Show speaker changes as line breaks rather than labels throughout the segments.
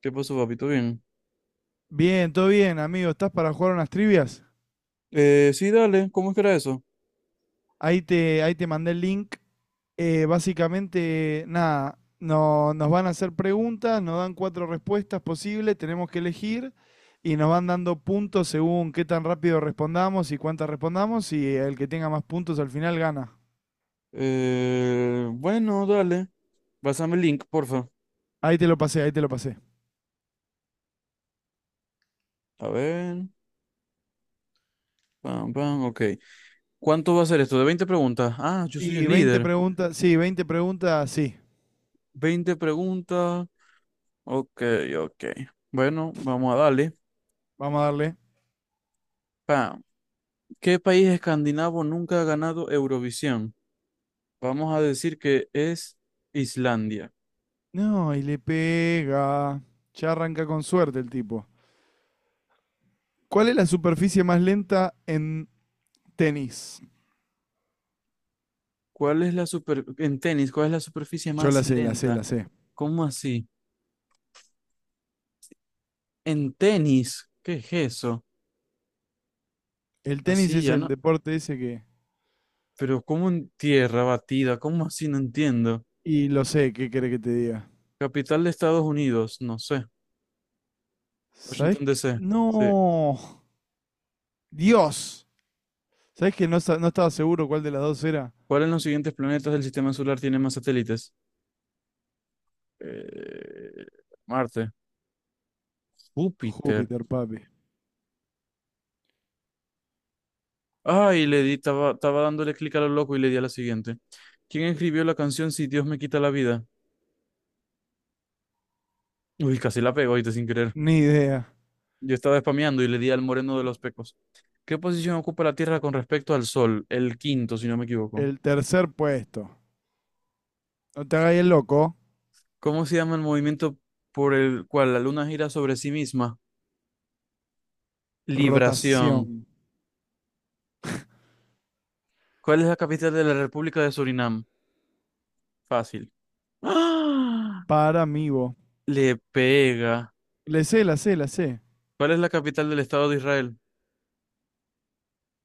¿Qué pasó, papito? Bien.
Bien, todo bien, amigo. ¿Estás para jugar unas trivias?
Sí, dale. ¿Cómo es que era eso?
Ahí te mandé el link. Básicamente, nada, no, nos van a hacer preguntas, nos dan cuatro respuestas posibles, tenemos que elegir y nos van dando puntos según qué tan rápido respondamos y cuántas respondamos, y el que tenga más puntos al final gana.
Bueno, dale. Pásame el link, porfa.
Ahí te lo pasé.
A ver. Pam, pam. Ok. ¿Cuánto va a ser esto? ¿De 20 preguntas? Ah, yo soy
Y
el
20
líder.
preguntas, sí, 20 preguntas, sí.
20 preguntas. Ok, ok. Bueno, vamos a darle.
Vamos a darle.
Pam. ¿Qué país escandinavo nunca ha ganado Eurovisión? Vamos a decir que es Islandia.
No, y le pega. Ya arranca con suerte el tipo. ¿Cuál es la superficie más lenta en tenis?
¿Cuál es la super... En tenis, ¿cuál es la superficie
Yo
más
la sé, la
lenta?
sé.
¿Cómo así? En tenis, ¿qué es eso?
El tenis es
Arcilla,
el
¿no?
deporte ese que...
Pero, ¿cómo en tierra batida? ¿Cómo así? No entiendo.
Y lo sé, ¿qué querés que te diga?
Capital de Estados Unidos, no sé.
¿Sabés
Washington
qué?
DC, sí.
No. Dios. ¿Sabés que no, no estaba seguro cuál de las dos era?
¿Cuál en los siguientes planetas del sistema solar tiene más satélites? Eh, Marte. Júpiter.
Júpiter, papi.
Ay, le di, estaba dándole clic a lo loco y le di a la siguiente. ¿Quién escribió la canción Si Dios me quita la vida? Uy, casi la pego ahorita sin querer.
Ni idea.
Yo estaba spameando y le di al moreno de los pecos. ¿Qué posición ocupa la Tierra con respecto al Sol? El quinto, si no me equivoco.
El tercer puesto. No te hagas el loco.
¿Cómo se llama el movimiento por el cual la Luna gira sobre sí misma? Libración.
Rotación.
¿Cuál es la capital de la República de Surinam? Fácil. ¡Ah!
Para mí, vos.
Le pega.
Le sé, la sé.
¿Cuál es la capital del Estado de Israel?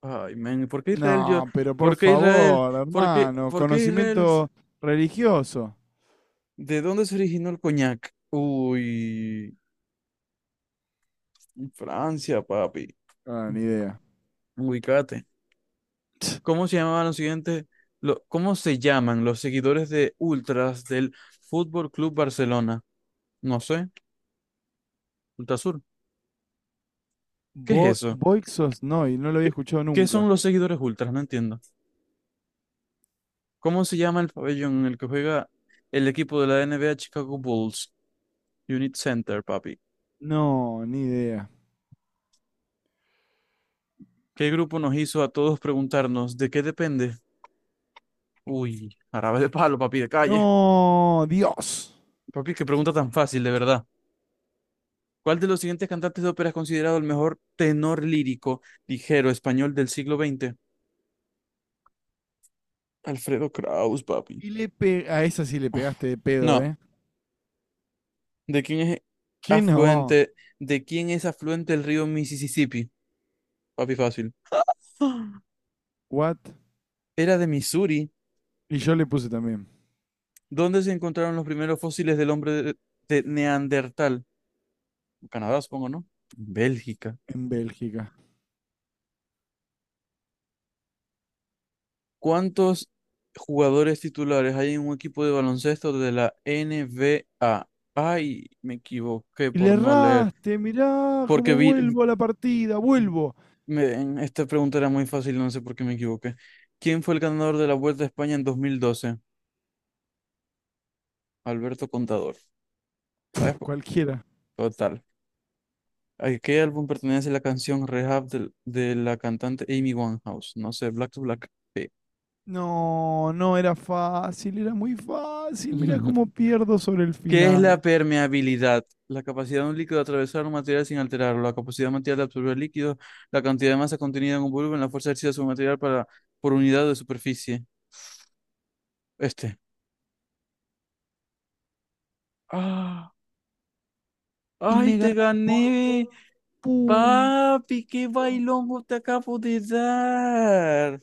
Ay, men, ¿por qué Israel yo?
No, pero por
¿Por qué Israel?
favor,
¿Por qué,
hermano.
por qué Israel?
Conocimiento religioso.
¿De dónde se originó el coñac? Uy, Francia, papi.
Ah, ni idea.
Ubicate. ¿Cómo se llamaban los siguientes? ¿Cómo se llaman los seguidores de Ultras del Fútbol Club Barcelona? No sé, Ultrasur. ¿Qué es
Bo
eso?
No y no lo había
¿Qué,
escuchado
qué son
nunca.
los seguidores Ultras? No entiendo. ¿Cómo se llama el pabellón en el que juega el equipo de la NBA Chicago Bulls? Unit Center, papi.
No, ni idea.
¿Qué grupo nos hizo a todos preguntarnos de qué depende? Uy, árabe de palo, papi, de calle.
No, Dios.
Papi, qué pregunta tan fácil, de verdad. ¿Cuál de los siguientes cantantes de ópera es considerado el mejor tenor lírico ligero español del siglo XX? Alfredo Kraus, papi.
Y a esa sí le pegaste de pedo,
No,
¿eh?
¿de quién es
¿Qué no?
afluente? ¿De quién es afluente el río Mississippi? Papi, fácil.
What?
Era de Missouri.
Y yo le puse también,
¿Dónde se encontraron los primeros fósiles del hombre de Neandertal? Canadá, supongo, ¿no? Bélgica.
en Bélgica.
¿Cuántos jugadores titulares hay en un equipo de baloncesto de la N B A? Ay, me equivoqué
Y le
por no leer.
erraste, mirá
Porque
cómo
vi,
vuelvo a la partida, vuelvo.
Miren, esta pregunta era muy fácil, no sé por qué me equivoqué. ¿Quién fue el ganador de la Vuelta a España en 2012? Alberto Contador. ¿Sabes?
Pf, cualquiera.
Total. ¿A qué álbum pertenece la canción Rehab de la cantante Amy Winehouse? No sé, Black to Black. Sí.
No, no era fácil, era muy fácil. Mirá cómo pierdo sobre el
¿Qué es la
final.
permeabilidad? La capacidad de un líquido de atravesar un material sin alterarlo, la capacidad material de absorber líquido, la cantidad de masa contenida en un volumen, la fuerza ejercida sobre un material por unidad de superficie. Este. ¡Ah!
Y
¡Ay,
me
te
ganas por
gané!
un punto.
Papi, qué bailongo te acabo de dar.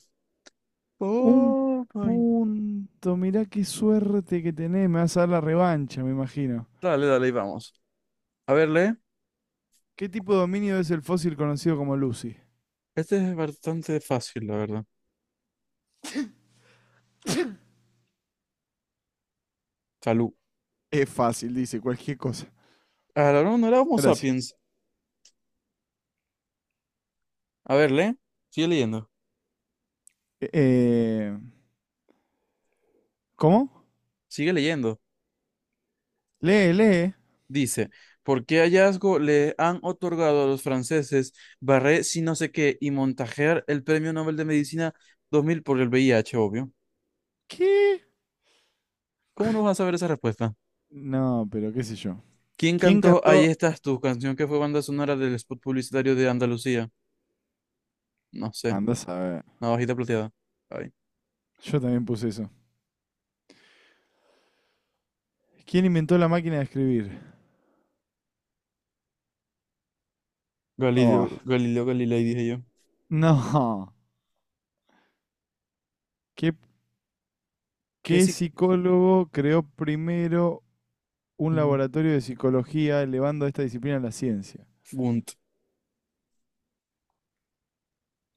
Un
Oh, my.
punto, mirá qué suerte que tenés, me vas a dar la revancha, me imagino.
Dale, dale, ahí vamos. A ver, lee.
¿Qué tipo de dominio es el fósil conocido como Lucy?
Este es bastante fácil, la verdad. Salud.
Es fácil, dice cualquier cosa.
Ah, no, no era Homo
Gracias.
sapiens. A ver, lee. Sigue leyendo.
Eh, ¿Cómo?
Sigue leyendo.
Lee, lee.
Dice, ¿por qué hallazgo le han otorgado a los franceses Barré si no sé qué y Montajer el Premio Nobel de Medicina 2000 por el VIH, obvio?
¿Qué?
¿Cómo no vas a saber esa respuesta?
No, pero qué sé yo.
¿Quién
¿Quién
cantó Ahí
cantó?
estás tú, canción que fue banda sonora del spot publicitario de Andalucía? No sé,
Andás a ver.
navajita plateada. Ay.
Yo también puse eso. ¿Quién inventó la máquina de escribir? Oh,
Galileo Galilei, dije yo.
no. ¿Qué,
¿Qué
¿qué
si...
psicólogo creó primero un
mm,
laboratorio de psicología elevando esta disciplina a la ciencia?
Bunt.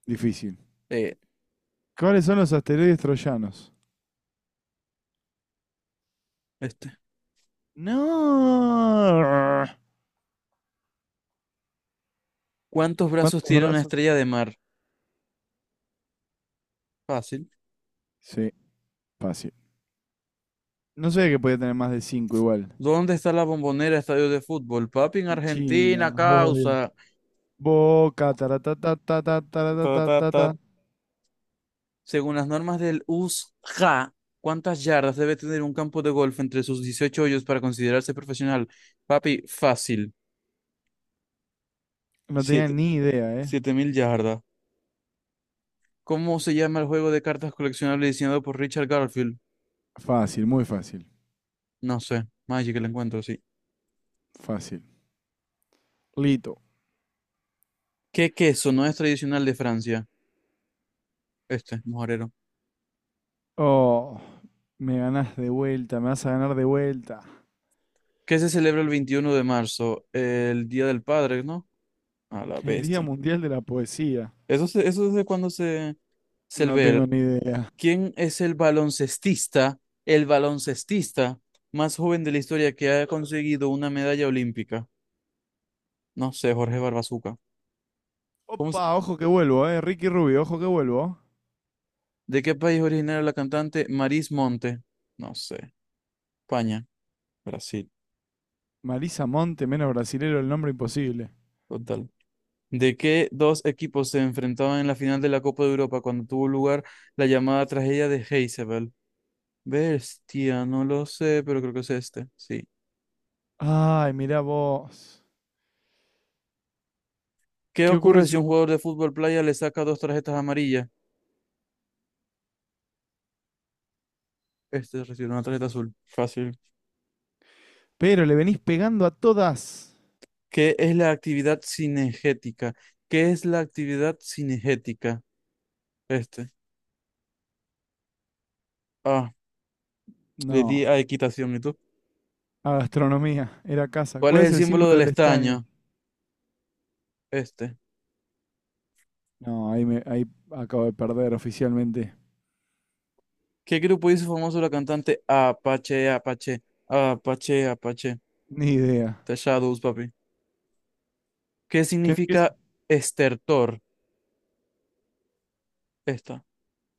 Difícil.
Eh,
¿Cuáles son los asteroides troyanos?
este.
No.
¿Cuántos brazos
¿Cuántos
tiene una
brazos?
estrella de mar? Fácil.
Sí, fácil. No sé, que podía tener más de 5 igual.
¿Dónde está la bombonera estadio de fútbol? Papi, en
En China,
Argentina,
obvio.
causa.
Boca,
Ta, ta, ta.
taratatatatatatata.
Según las normas del USJA, ¿cuántas yardas debe tener un campo de golf entre sus 18 hoyos para considerarse profesional? Papi, fácil.
No tenía ni idea, ¿eh?
7000 yardas. ¿Cómo se llama el juego de cartas coleccionables diseñado por Richard Garfield?
Fácil, muy fácil.
No sé. Magic el encuentro, sí.
Fácil. Lito.
¿Qué queso no es tradicional de Francia? Este, mojarero.
Oh, me ganás de vuelta, me vas a ganar de vuelta.
¿Qué se celebra el 21 de marzo? El Día del Padre, ¿no? A la
El Día
bestia.
Mundial de la Poesía.
Eso, eso desde cuando se
No tengo
ve.
ni idea.
¿Quién es el baloncestista más joven de la historia que ha conseguido una medalla olímpica? No sé, Jorge Barbazuca. ¿Cómo
Opa, ojo que vuelvo, eh. Ricky Rubio, ojo que vuelvo.
¿De qué país es originaria la cantante Maris Monte? No sé. España, Brasil,
Marisa Monte, menos brasilero, el nombre imposible.
total. ¿De qué dos equipos se enfrentaban en la final de la Copa de Europa cuando tuvo lugar la llamada tragedia de Heysel? Bestia, no lo sé, pero creo que es este. Sí.
Ay, mirá vos.
¿Qué
¿Qué ocurre
ocurre
si
si un
un...
jugador de fútbol playa le saca dos tarjetas amarillas? Este recibe una tarjeta azul. Fácil.
Pero le venís pegando a todas.
¿Qué es la actividad cinegética? ¿Qué es la actividad cinegética? Este. Ah, le di
No.
a equitación. ¿Y tú?
A gastronomía, era casa.
¿Cuál
¿Cuál
es
es
el
el
símbolo
símbolo
del
del estaño?
estaño? Este.
No, ahí, me, ahí acabo de perder oficialmente.
¿Qué grupo hizo famoso la cantante Apache, Apache, Apache, Apache?
Ni idea.
The Shadows, papi. ¿Qué
¿Qué es?
significa estertor? Esta.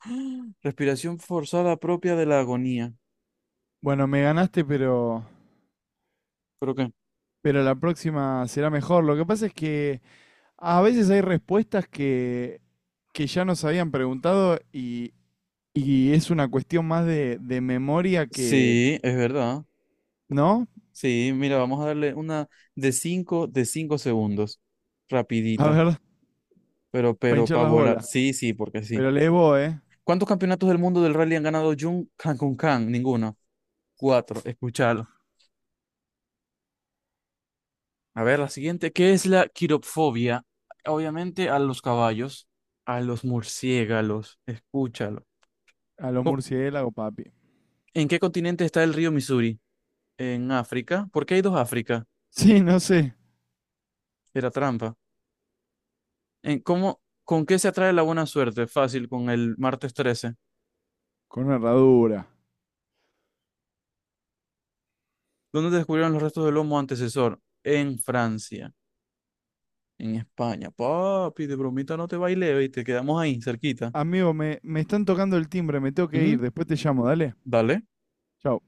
Respiración forzada propia de la agonía.
Bueno, me ganaste,
Creo que.
pero la próxima será mejor. Lo que pasa es que a veces hay respuestas que ya nos habían preguntado, y Y es una cuestión más de memoria que,
Sí, es verdad.
¿no?
Sí, mira, vamos a darle una de cinco segundos.
A
Rapidita.
ver,
Pero,
para
pero,
hinchar
pa'
las
volar.
bolas.
Sí, sí, porque sí.
Pero le voy, ¿eh?
¿Cuántos campeonatos del mundo del rally han ganado Jun Kang Kun Kang? Ninguno. Cuatro. Escuchalo. A ver, la siguiente, ¿qué es la quiropfobia? Obviamente a los caballos, a los murciélagos, escúchalo.
A los
Co-
murciélagos, papi.
¿En qué continente está el río Missouri? ¿En África? ¿Por qué hay dos África?
Sí, no sé.
Era trampa. ¿En cómo, ¿Con qué se atrae la buena suerte? Fácil, con el martes 13.
Con una herradura.
¿Dónde descubrieron los restos del homo antecesor? En Francia, en España. Papi, de bromita no te baile y te quedamos ahí, cerquita.
Amigo, me están tocando el timbre, me tengo que ir.
Ujú,
Después te llamo, dale.
dale.
Chao.